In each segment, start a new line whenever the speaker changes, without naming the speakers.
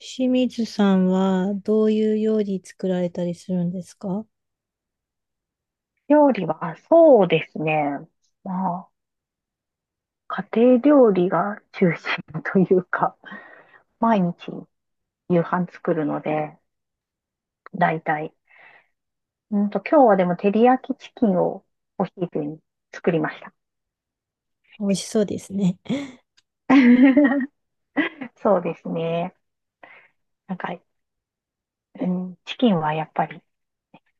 清水さんはどういう料理作られたりするんですか？
料理は、そうですね。まあ、家庭料理が中心というか、毎日夕飯作るので、だいたい。今日はでも照り焼きチキンをお昼に作りました。
美味しそうですね。
そうですね。なんか、うん、チキンはやっぱり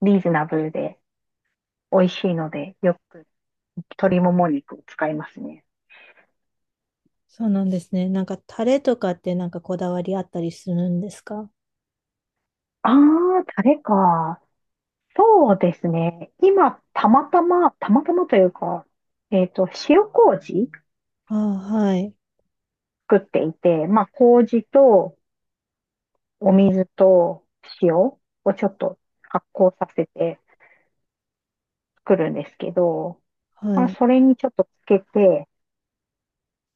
リーズナブルで美味しいので、よく鶏もも肉を使いますね。
そうなんですね。なんかタレとかってなんかこだわりあったりするんですか？
ああ、タレか。そうですね。今、たまたまというか、塩麹
ああ、はい。
作っていて、まあ、麹とお水と塩をちょっと発酵させて作るんですけど、
は
まあ、
い。
それにちょっとつけて、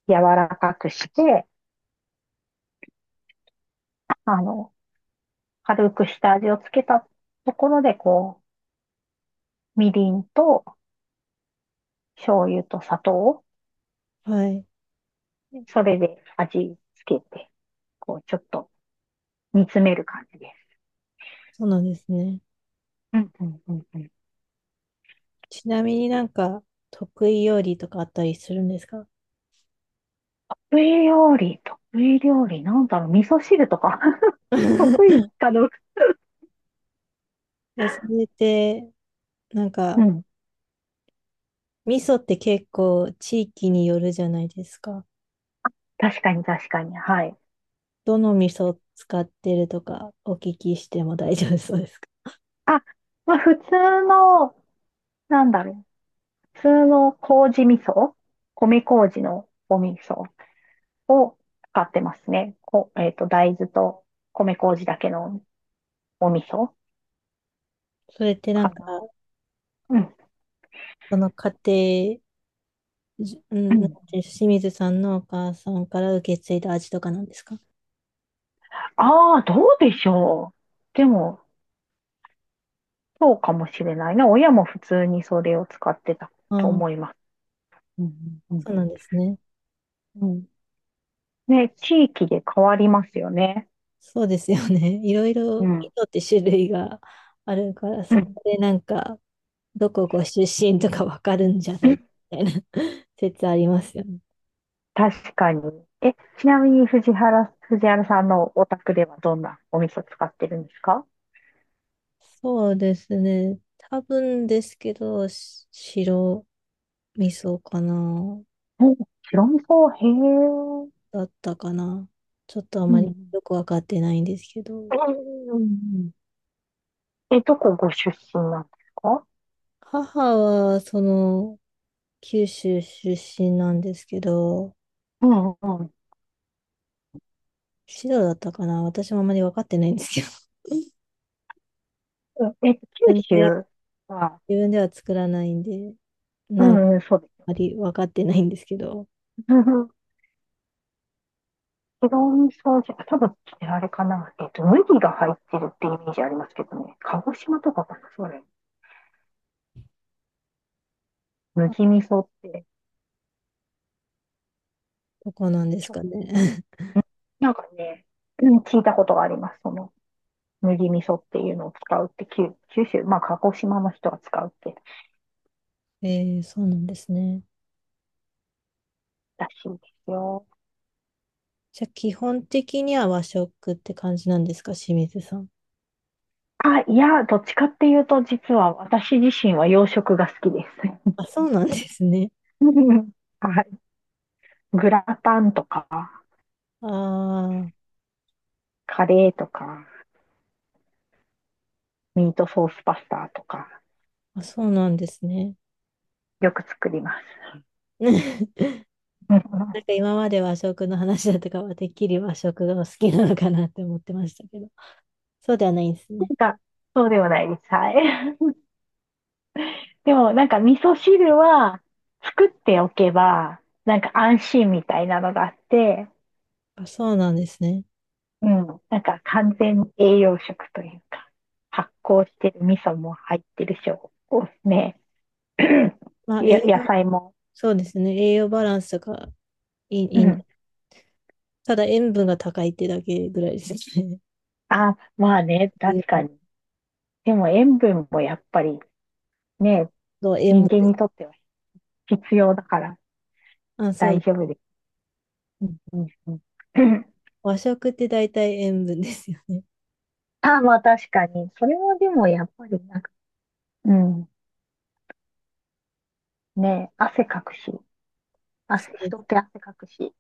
柔らかくして、あの、軽く下味をつけたところで、こう、みりんと醤油と砂糖を、
はい。
それで味付けて、こう、ちょっと煮詰める感じです。
そうなんですね。
うんうんうんうん。
ちなみになんか得意料理とかあったりするんですか？
得意料理、得意料理、なんだろう、味噌汁とか。 得 意かどうか。
え、それってなん
う
か、
ん。
味噌って結構地域によるじゃないですか。
確かに、確かに。はい。
どの味噌使ってるとかお聞きしても大丈夫そうですか？
あ、まあ普通の、なんだろう、普通の麹味噌、米麹のお味噌を使ってますね。こ、えっと、大豆と米麹だけのお味噌
それってな
か
んか
な。うん。
その家庭、じう
う
ん、なん
ん。
ていう清水さんのお母さんから受け継いだ味とかなんですか？
ああ、どうでしょう。でも、そうかもしれないな。親も普通にそれを使ってた
あ
と
あ、
思います。うんうん
そうなんですね。
うん。うん、ね、地域で変わりますよね。
そうですよね。いろい
う
ろ、
ん。
糸って種類があるから、
う
そ
ん。
こでなんか、どこご出身とかわかるんじゃないみたいな、 説ありますよね。
確かに。え、ちなみに藤原さんのお宅ではどんなお味噌使ってるんですか？
そうですね。多分ですけど、白味噌かな、
お、白味噌、へえ。
だったかな。ちょっとあ
う
まり
ん。
よくわかってないんですけど。
うん。え、どこご出身なんですか？
母は、その、九州出身なんですけど、
うんうん。うん、
白だったかな、私もあまり分かってないんですけど。自
え、九
分では、
州は、
自分では作らないんで、
う
なんあ
んうん、そうです。
まり分かってないんですけど、
うんうん。白味噌じゃ、多分、あれかな。えっと、麦が入ってるってイメージありますけどね。鹿児島とかかな、それ。麦
あ
味噌って。
どこなんです
ちょ
かね。
なんかね、うん、聞いたことがあります。その、麦味噌っていうのを使うって、九州、まあ、鹿児島の人が使うって
えー、そうなんですね。
らしいですよ。
じゃあ、基本的には和食って感じなんですか、清水さん？
あ、いや、どっちかっていうと、実は私自身は洋食が好きです。
あ、そうなんですね。
はい。グラタンとか、
あー、
カレーとか、ミートソースパスタとか、
あ、そうなんですね。
よく作ります。なん
なんか今まで和食の話だとかは、てっきり和食がお好きなのかなって思ってましたけど、そうではないんですね。
か、そうではないです。はい。でもなんか味噌汁は作っておけば、なんか安心みたいなのがあって、
あ、そうなんですね。
うん、なんか完全に栄養食というか、発酵してる味噌も入ってるし、おおね、
まあ、栄
野
養、
菜も。
そうですね。栄養バランスがいい、
う
いいん
ん。
で、ただ塩分が高いってだけぐらいですね。
あ、まあ ね、
塩
確か
分、
に。でも塩分もやっぱりね、
そう塩
人
分で
間
す。
にとっては必要だから
あ、そう
大
で
丈
す。
夫です。うんうんうん。
和食って大体塩分ですよね。
あ、まあ確かに。それはでもやっぱりなんか、うん。ね、汗かくし。
そ
汗、
う
人って汗かくし、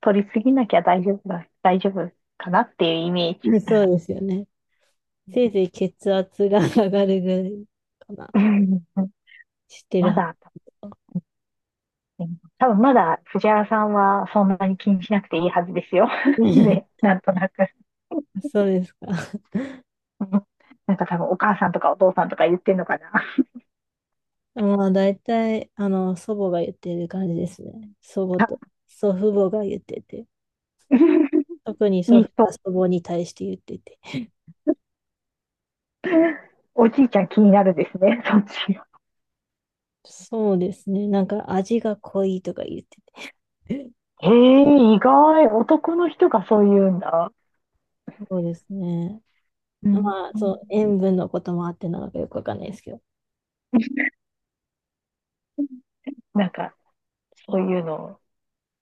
取りすぎなきゃ大丈夫だ、大丈夫かなっていうイメージ。
です。 そうですよね。せいぜい血圧が上がるぐらいかな。
うんうん。
知ってる
ま
は
だ、多分まだ藤原さんはそんなに気にしなくていいはずですよ。
ず。
ね、なんとなく。
そうですか。
うん。なんか多分お母さんとかお父さんとか言ってんのかな。
まあ、大体、あの、祖母が言ってる感じですね。祖母と、祖父母が言ってて。特に
い
祖
い
父が
人、
祖母に対して言ってて。
おじいちゃん気になるですね、そっち。
そうですね。なんか味が濃いとか言ってて。
へえー、意外、男の人がそう言うんだ。
そうですね。
うん、
まあ、そう、塩分のこともあってなのかよくわかんないですけど。
なんか、そういうの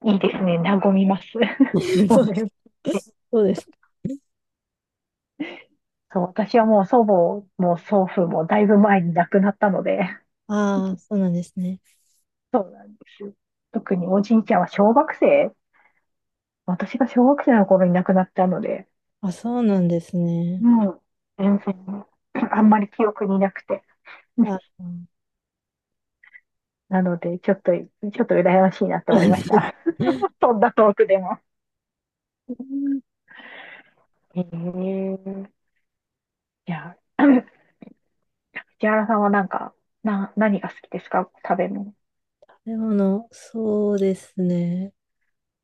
いいですね。和みます。そ
そ
う
うで
ね。
す。そうです。
そう、私はもう祖母も祖父もだいぶ前に亡くなったので、
ああ、そうなんですね。
そうなんですよ。特におじいちゃんは小学生、私が小学生の頃に亡くなったので、
あ、そうなんですね。
もうん。全然 あんまり記憶になくて。
あ、うん。
なので、ちょっと羨ましいなと 思いまし
食
た。そんなトークでも。うん。へえ。いや、藤原さんはなんか、何が好きですか？食べ物。
べ物、そうですね。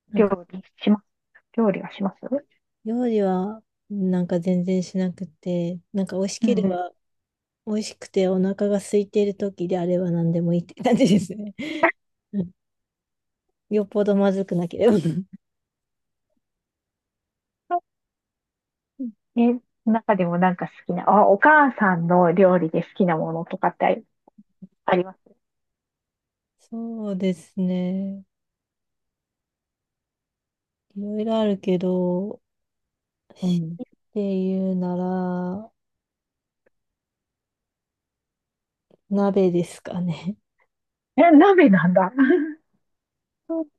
なん
料
か、
理します料理はします？
料理は、なんか全然しなくて、なんか美味し
う
け
ん
れ
う
ば、美味しくてお腹が空いている時であれば何でもいいって感じですね。うん、よっぽどまずくなければ。
ん。え、中でもなんか好きな、あ、お母さんの料理で好きなものとかってあります？
そうですね。いろいろあるけど、
う
し
ん。
っていうなら、鍋ですかね。
え、鍋なんだ。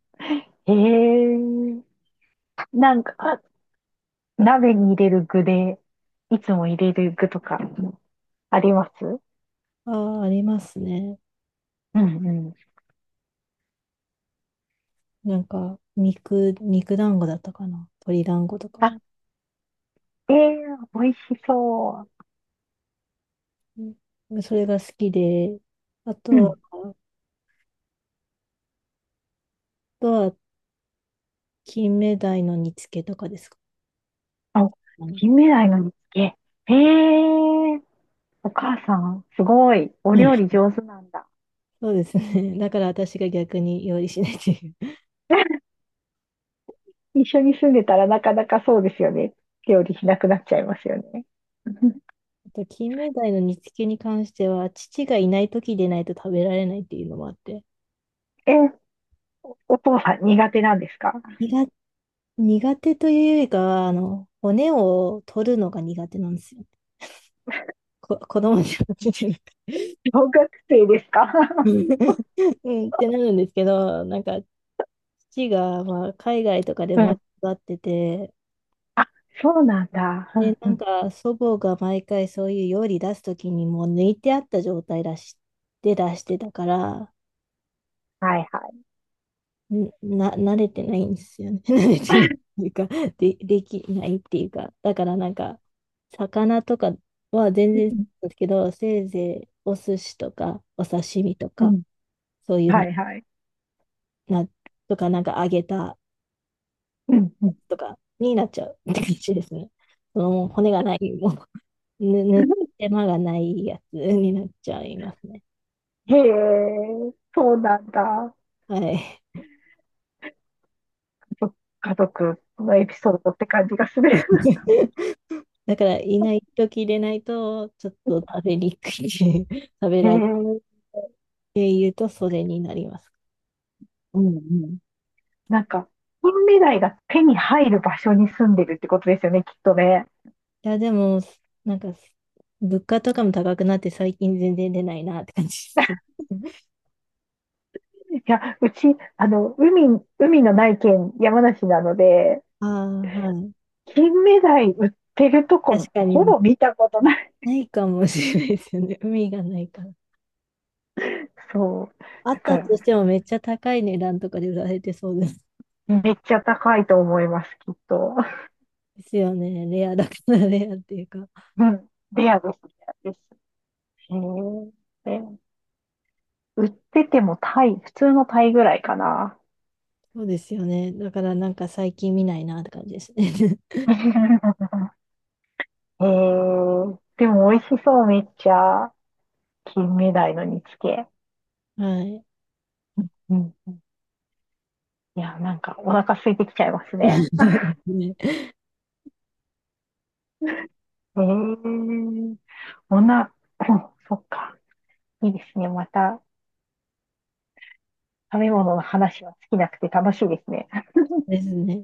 へえー、なんか、鍋に入れる具で、いつも入れる具とかあります？
ああ、ありますね。
うんうん。
なんか、肉団子だったかな。鶏団子とか
あ、
な。
え美味しそ
うん、それが好きで、あと
う。う
は、
ん。
あとは、金目鯛の煮付けとかですか
あ、
ね。
金目鯛の煮付け。へえー、お母さん、すごい。お
うん。
料理 上手なんだ。
そうですね。だから私が逆に料理しないっていう。
一緒に住んでたらなかなかそうですよね。料理しなくなっちゃいますよね。
あと、金目鯛の煮付けに関しては、父がいない時でないと食べられないっていうのもあって。
え、お父さん苦手なんですか？
苦苦手というよりかは、あの、骨を取るのが苦手なんですよ。子供じゃなくて。
小学生ですか？
うん、ってなるんですけど、なんか、父が、まあ、海外とかで
う
生まれ
ん。
育ってて、
あ、そうなんだ。う
で、
ん
な
う
ん
ん。
か、祖母が毎回そういう料理出すときにもう抜いてあった状態出し、で出してたから、
はいはい。
ん慣れてないんですよね。慣れてないっていうか、で、できないっていうか、だからなんか、魚とかは全
う
然
ん
ですけど、せいぜいお寿司とか、お刺身と
う
か、
ん。
そういうの
はいはい。
な、とか、なんか揚げた
うんうん。
とかになっちゃうって感じですね。そのもう骨がない、もう、ぬ、ぬ手間がないやつになっちゃいますね。
へえ、そうなんだ。
はい。
そ家族のエピソードって感じがする。
だから、いない時でないと、ちょっと食べにくい、食べ
へえ、
ら
うん
経由と袖になります。
うん。なんか、の未来が手に入る場所に住んでるってことですよね、きっとね。
いや、でも、なんか、物価とかも高くなって最近全然出ないなって感じです。
いや、うち、あの、海、海のない県、山梨なので、
ああ、はい。
金目鯛売ってるとこ、
確かに、
ほ ぼ見たことない。
ないかもしれないですよね。海がないから。
そう。
あ
だ
った
か
と
ら、
してもめっちゃ高い値段とかで売られてそうです。
めっちゃ高いと思います、きっと。
ですよね。レアだからレアっていうか。
うん。レアです、レアです。へえ。で売っててもタイ、普通のタイぐらいかな。
そうですよね。だからなんか最近見ないなって感じですね。
へえ。でも美味しそう、めっちゃ。金目鯛の煮付け。
はい。
うん。いや、なんかお腹空いてきちゃいます
そ
ね。
うですね。
へえ。そんな、そっか。いいですね。また、食べ物の話は尽きなくて楽しいですね。
ですね。